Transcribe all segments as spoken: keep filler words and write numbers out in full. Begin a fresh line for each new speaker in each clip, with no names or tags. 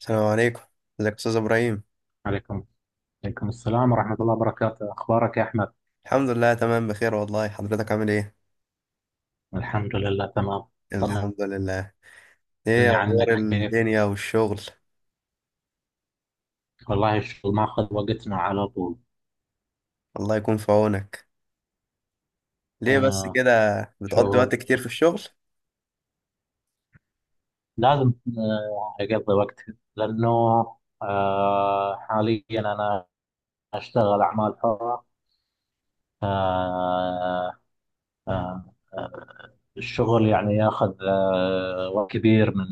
السلام عليكم، ازيك يا استاذ ابراهيم؟
عليكم عليكم السلام ورحمة الله وبركاته. أخبارك يا أحمد؟
الحمد لله تمام، بخير والله، حضرتك عامل ايه؟
الحمد لله تمام. طمني
الحمد لله. ايه اخبار
عنك كيف؟
الدنيا والشغل؟
والله الشغل ماخذ وقتنا على طول.
الله يكون في عونك. ليه بس
أنا
كده؟ بتقضي وقت
شغل
كتير في الشغل؟
لازم آه، أقضي وقت. لأنه آه، حاليا أنا أشتغل أعمال حرة. آه، آه، آه، الشغل يعني ياخذ آه، وقت كبير من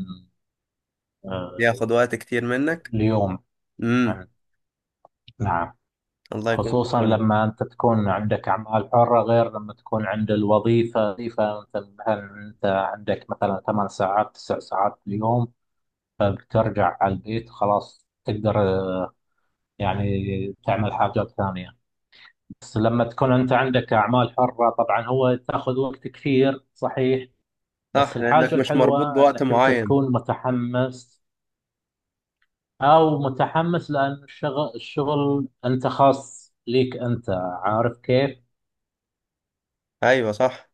آه،
بياخد وقت كتير منك.
اليوم
امم.
يعني. نعم.
الله يكون في
خصوصا
عونك.
لما أنت تكون عندك أعمال حرة غير لما تكون عند الوظيفة، وظيفة مثل هل أنت عندك مثلا ثمان ساعات تسع ساعات في اليوم، فبترجع على البيت خلاص تقدر آه، يعني تعمل حاجات ثانية. بس لما تكون أنت عندك أعمال حرة طبعا هو تاخذ وقت كثير، صحيح. بس
صح،
الحاجة
لانك مش مربوط
الحلوة
بوقت
أنك أنت
معين.
تكون متحمس، أو متحمس لأن الشغل الشغل أنت خاص ليك أنت، عارف كيف.
ايوه، صح.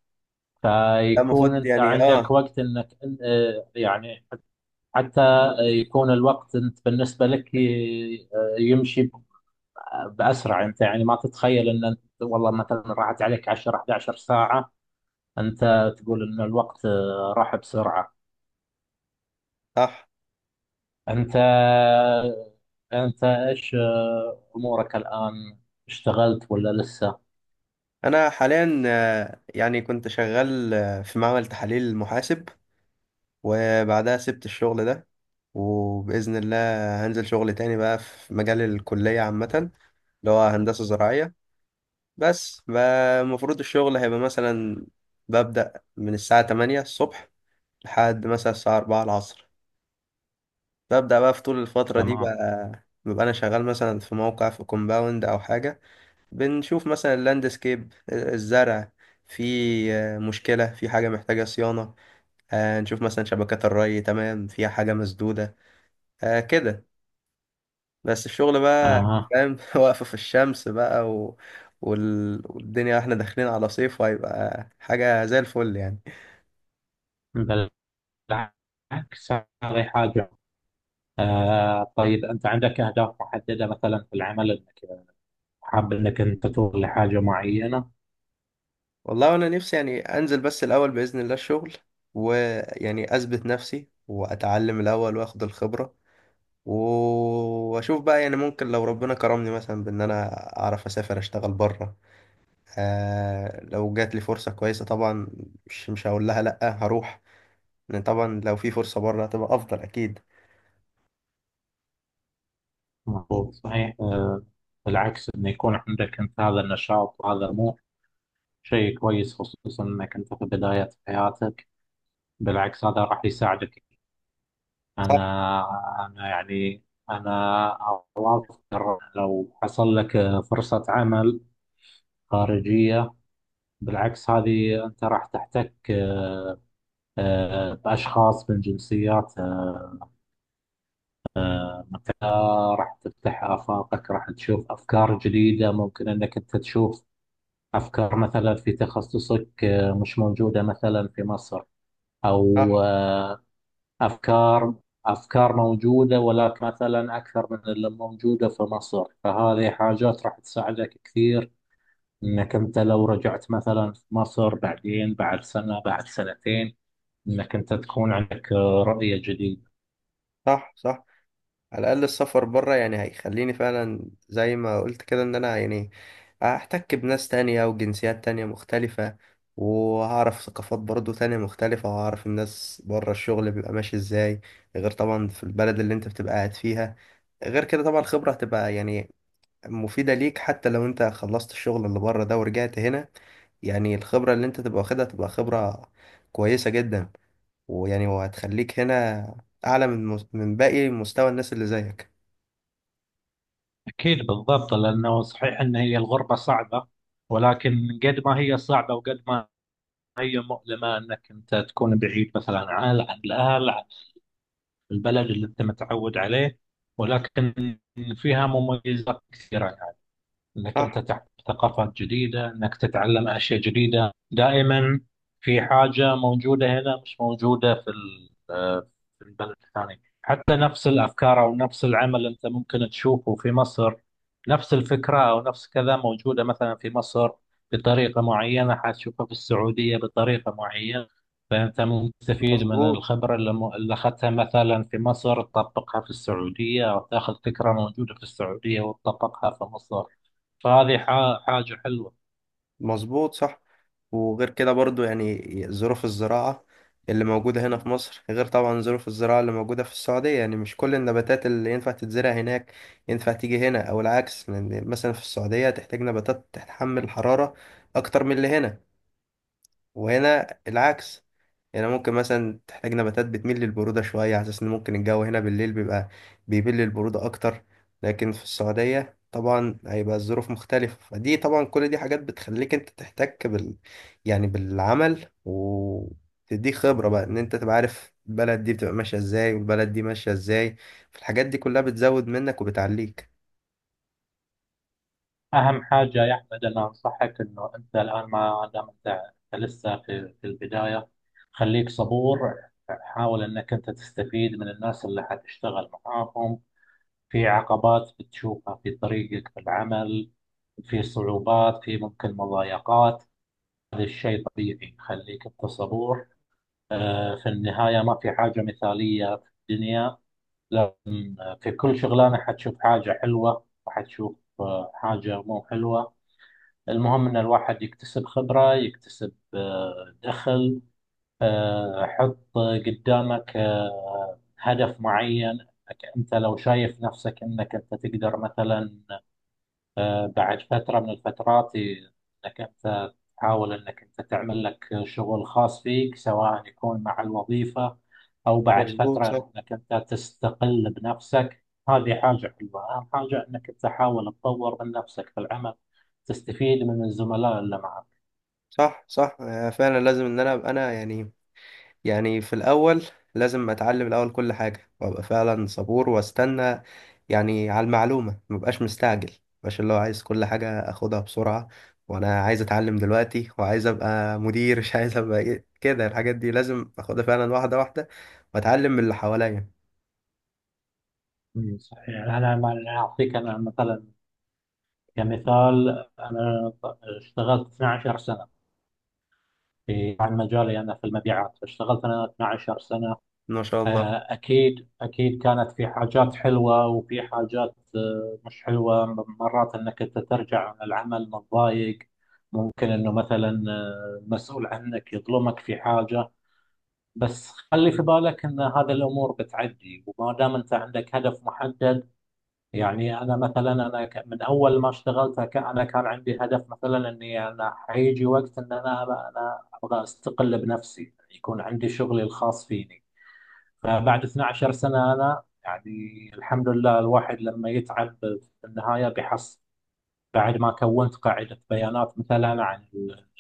ده
فيكون
المفروض
انت
يعني،
عندك
اه.
وقت انك آه، يعني حتى يكون الوقت انت بالنسبه لك ي- آه، يمشي ب- باسرع. انت يعني ما تتخيل ان انت والله مثلا راحت عليك عشر احدى عشرة ساعة ساعه، انت تقول ان الوقت آه، راح بسرعه.
صح.
انت انت ايش آه، امورك الان؟ اشتغلت ولا لسه؟
انا حاليا آه، يعني كنت شغال آه، في معمل تحاليل محاسب. وبعدها سبت الشغل ده. وبإذن الله هنزل شغل تاني بقى في مجال الكلية عامة، اللي هو هندسة زراعية. بس بقى المفروض الشغل هيبقى مثلا ببدأ من الساعة تمانية الصبح لحد مثلا الساعة اربعة العصر. ببدأ بقى في طول الفترة دي
تمام.
بقى. ببقى أنا شغال مثلا في موقع في كومباوند أو حاجة. بنشوف مثلا اللاندسكيب الزرع. في مشكلة في حاجة محتاجة صيانة. آه، نشوف مثلا شبكات الري تمام فيها حاجة مسدودة. آه، كده. بس الشغل بقى
اها.
فاهم واقفة في الشمس بقى و... وال... والدنيا احنا داخلين على صيف وهيبقى حاجة زي الفل يعني.
بالعكس، هذه حاجه. آه طيب أنت عندك أهداف محددة مثلا في العمل أنك حاب أنك أنت توصل لحاجة معينة؟
والله انا نفسي يعني انزل بس الاول بإذن الله الشغل. ويعني اثبت نفسي واتعلم الاول واخد الخبرة. و- واشوف بقى يعني ممكن لو ربنا كرمني مثلا بان انا اعرف اسافر اشتغل بره. آه، لو جات لي فرصة كويسة طبعا مش مش هقول لها لا، هروح. لان طبعا لو في فرصة بره هتبقى افضل اكيد.
مظبوط، صحيح آه بالعكس، أن يكون عندك أنت هذا النشاط وهذا طموح شيء كويس، خصوصا أنك أنت في بداية حياتك. بالعكس هذا راح يساعدك. أنا
صح،
أنا يعني أنا أوافق. لو حصل لك آه، فرصة عمل خارجية، بالعكس هذه أنت راح تحتك آه، آه، بأشخاص من جنسيات آه، انت راح تفتح آفاقك، راح تشوف أفكار جديدة ممكن أنك أنت تشوف أفكار مثلا في تخصصك آه، مش موجودة مثلا في مصر، أو
صح،
آه، أفكار أفكار موجودة ولكن مثلا أكثر من اللي موجودة في مصر. فهذه حاجات راح تساعدك كثير أنك أنت لو رجعت مثلا في مصر بعدين بعد سنة بعد سنتين، أنك أنت تكون عندك آه، رؤية جديدة.
صح، صح. على الأقل السفر بره يعني هيخليني فعلا زي ما قلت كده إن أنا يعني هحتك بناس تانية وجنسيات تانية مختلفة، وهعرف ثقافات برضو تانية مختلفة، وهعرف الناس بره الشغل بيبقى ماشي إزاي، غير طبعا في البلد اللي أنت بتبقى قاعد فيها. غير كده طبعا الخبرة هتبقى يعني مفيدة ليك حتى لو أنت خلصت الشغل اللي بره ده ورجعت هنا. يعني الخبرة اللي أنت تبقى واخدها تبقى خبرة كويسة جدا. ويعني وهتخليك هنا أعلى من مس- من باقي مستوى الناس اللي زيك.
أكيد، بالضبط، لأنه صحيح أن هي الغربة صعبة، ولكن قد ما هي صعبة وقد ما هي مؤلمة أنك أنت تكون بعيد مثلا عن عن الأهل، عن البلد اللي أنت متعود عليه، ولكن فيها مميزات كثيرة. انك انت
صح.
تحت ثقافات جديده، انك تتعلم اشياء جديده دائما. في حاجه موجوده هنا مش موجوده في ال- آه، في البلد الثاني. حتى نفس الافكار او نفس العمل انت ممكن تشوفه في مصر، نفس الفكره او نفس كذا موجوده مثلا في مصر بطريقه معينه، حتشوفها في السعوديه بطريقه معينه. فانت مستفيد من
مظبوط،
الخبره اللي م- اللي اخذتها مثلا في مصر تطبقها في السعوديه، او تاخذ فكره موجوده في السعوديه وتطبقها في مصر. فهذه حا- حاجة حلوة.
مظبوط، صح. وغير كده برضو يعني ظروف الزراعة اللي موجودة هنا في مصر غير طبعا ظروف الزراعة اللي موجودة في السعودية، يعني مش كل النباتات اللي ينفع تتزرع هناك ينفع تيجي هنا أو العكس، لأن مثلا في السعودية تحتاج نباتات تتحمل الحرارة أكتر من اللي هنا، وهنا العكس. هنا ممكن مثلا تحتاج نباتات بتميل للبرودة شوية، على أساس إن ممكن الجو هنا بالليل بيبقى بيميل للبرودة أكتر. لكن في السعودية طبعا هيبقى الظروف مختلفة، فدي طبعا كل دي حاجات بتخليك أنت تحتك بال، يعني بالعمل، وتديك خبرة بقى إن أنت تبقى عارف البلد دي بتبقى ماشية إزاي والبلد دي ماشية إزاي. فالحاجات دي كلها بتزود منك وبتعليك.
أهم حاجة يا أحمد، أنا أنصحك إنه أنت الآن ما دام أنت أنت لسه في في البداية، خليك صبور. حاول إنك أنت تستفيد من الناس اللي حتشتغل معاهم. في عقبات بتشوفها في طريقك في العمل، في صعوبات، في ممكن مضايقات، هذا الشيء طبيعي. خليك أنت صبور. آه، في النهاية ما في حاجة مثالية في الدنيا، لأن في كل شغلانة حتشوف حاجة حلوة وحتشوف آه، حاجة مو حلوة. المهم إن الواحد يكتسب خبرة، يكتسب آه، دخل. آه، حط قدامك آه، هدف معين. أنت لو شايف نفسك أنك أنت تقدر مثلا آه، بعد فترة من الفترات إنك أنت تحاول إنك أنت تعمل لك شغل خاص فيك، سواء يكون مع الوظيفة أو بعد
مظبوط،
فترة
صح،
إنك أنت تستقل بنفسك. هذه حاجة حلوة. أهم حاجة إنك أنت تحاول تطور من نفسك في العمل، تستفيد من الزملاء اللي معك.
صح، صح، آه، فعلا لازم إن أنا أبقى أنا يعني. يعني في الأول لازم أتعلم الأول كل حاجة وأبقى فعلا صبور وأستنى، يعني على المعلومة مبقاش مستعجل. مبقاش اللي هو عايز كل حاجة أخدها بسرعة، وأنا عايز أتعلم دلوقتي وعايز أبقى مدير. مش عايز أبقى إيه كده. الحاجات دي لازم أخدها فعلا واحدة واحدة، وأتعلم من اللي حواليا.
مم، صحيح، يعني أنا ما- أنا أعطيك أنا مثلا كمثال. أنا اشتغلت 12 سنة في، عن مجالي أنا في المبيعات، اشتغلت أنا 12 سنة.
ما شاء الله.
آه، أكيد أكيد كانت في حاجات حلوة وفي حاجات آه، مش حلوة، مرات أنك أنت ترجع عن العمل متضايق، ممكن أنه مثلا آه، المسؤول عنك يظلمك في حاجة. بس خلي في بالك أن هذه الأمور بتعدي، وما دام أنت عندك هدف محدد. يعني أنا مثلا أنا ك- من أول ما اشتغلت ك- أنا كان عندي هدف مثلا أني أنا حيجي وقت أن أنا أنا أبغى أستقل بنفسي، يعني يكون عندي شغلي الخاص فيني. فبعد 12 سنة أنا يعني الحمد لله، الواحد لما يتعب في النهاية بيحصل، بعد ما كونت قاعدة بيانات مثلا عن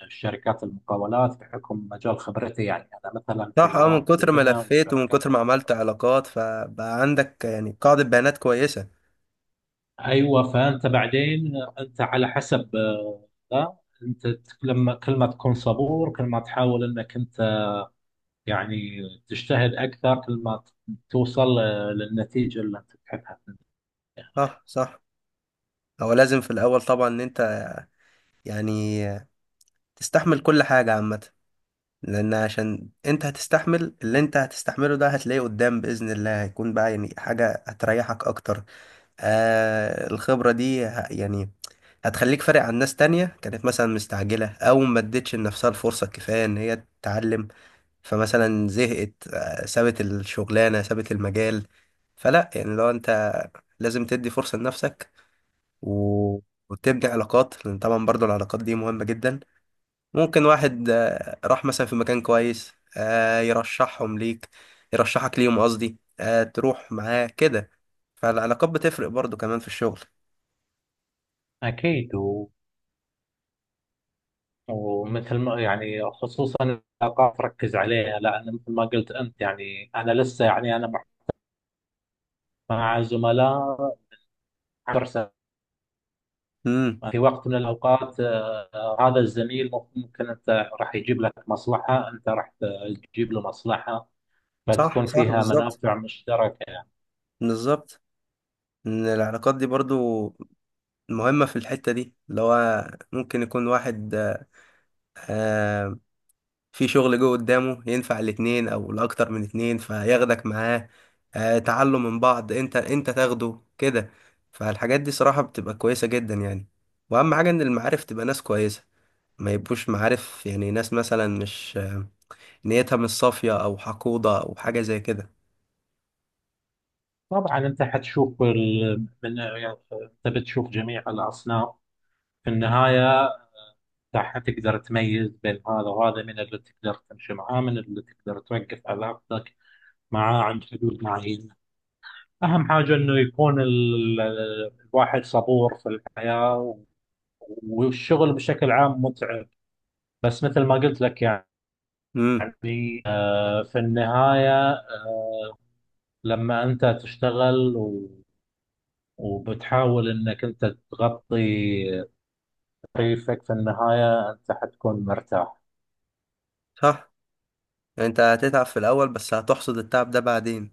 الشركات المقاولات بحكم مجال خبرتي، يعني أنا مثلا في
صح، اه، من
مواد
كتر ما
البناء
لفيت ومن
والشركات
كتر ما عملت
المقاولات.
علاقات فبقى عندك يعني قاعدة بيانات كويسة.
أيوة. فأنت بعدين أنت على حسب آه، لا أنت تك- لما كل ما تكون صبور، كل ما تحاول أنك أنت يعني تجتهد أكثر، كل ما ت- توصل آه، للنتيجة اللي أنت تحبها في النهاية.
صح، صح. هو لازم في الأول طبعا إن أنت يعني تستحمل كل حاجة عامة، لان عشان انت هتستحمل اللي انت هتستحمله ده هتلاقيه قدام باذن الله، هيكون بقى يعني حاجه هتريحك اكتر. آه، الخبره دي ه- يعني هتخليك فارق عن ناس تانية كانت مثلا مستعجله او ما ادتش لنفسها الفرصه الكفايه ان هي تتعلم. فمثلا زهقت، آه سابت الشغلانه، سابت المجال. فلا يعني لو انت لازم تدي فرصه لنفسك، و... وتبني علاقات، لان طبعا برضو العلاقات دي مهمه جدا. ممكن واحد آه، راح مثلا في مكان كويس، آه، يرشحهم ليك، يرشحك ليهم قصدي، آه، تروح معاه كده. فالعلاقات بتفرق برضو كمان في الشغل.
أكيد. ومثل ما يعني خصوصا العلاقات، ركز عليها، لان مثل ما قلت انت يعني، انا لسه يعني انا مع مع زملاء 10 سنين.
امم.
في وقت من الاوقات آه، هذا الزميل ممكن انت راح يجيب لك مصلحه، انت راح تجيب له مصلحه،
صح،
فتكون
صح،
فيها
بالظبط.
منافع مشتركه يعني.
بالظبط، ان العلاقات دي برضو مهمة في الحتة دي، اللي هو ممكن يكون واحد آه، في شغل جوه قدامه ينفع الاتنين او لاكتر من اتنين، فياخدك معاه، آه، تعلم من بعض، انت انت تاخده كده. فالحاجات دي صراحة بتبقى كويسة جدا يعني. واهم حاجة ان المعارف تبقى ناس كويسة، ما يبقوش معارف يعني ناس مثلا مش آه، نيتها مش صافية او حقودة او حاجة زي كده.
طبعا انت حتشوف ال... من... يعني انت بتشوف جميع الاصناف. في النهايه راح تقدر تميز بين هذا وهذا، من اللي تقدر تمشي معاه، من اللي تقدر توقف علاقتك معاه عند حدود معينة. أهم حاجة إنه يكون ال- ال- الواحد صبور في الحياة، و- والشغل بشكل عام متعب، بس مثل ما قلت لك،
امم.
يعني آه، في النهاية آه، لما أنت تشتغل و- وبتحاول إنك أنت تغطي تكليفك، في النهاية أنت حتكون مرتاح.
صح. انت هتتعب في الاول بس هتحصد التعب ده بعدين.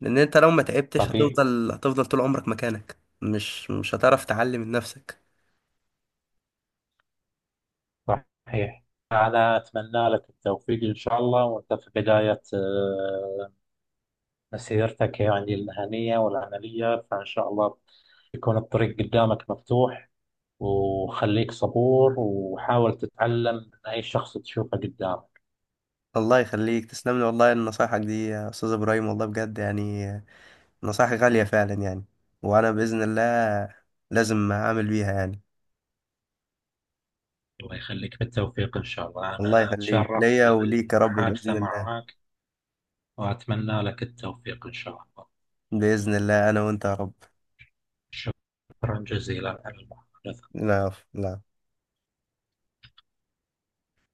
لان انت لو ما تعبتش
طبيعي،
هتفضل هتفضل طول عمرك مكانك، مش مش هتعرف تعلي من نفسك.
صحيح. أنا أتمنى لك التوفيق إن شاء الله، وأنت في بداية آه، مسيرتك يعني المهنية والعملية. فإن شاء الله يكون الطريق قدامك مفتوح، وخليك صبور، وحاول تتعلم من أي شخص تشوفه قدامك.
الله يخليك، تسلم لي والله نصايحك دي يا استاذ ابراهيم، والله بجد يعني نصايح غالية فعلا يعني. وانا باذن الله لازم اعمل بيها يعني.
الله يخليك، بالتوفيق إن شاء الله.
الله
أنا
يخليك
تشرفت
ليا وليك يا رب
بالمحادثة
باذن الله.
معك، وأتمنى لك التوفيق إن شاء الله.
باذن الله انا وانت يا رب.
شكرا جزيلا على المحادثة.
لا، لا.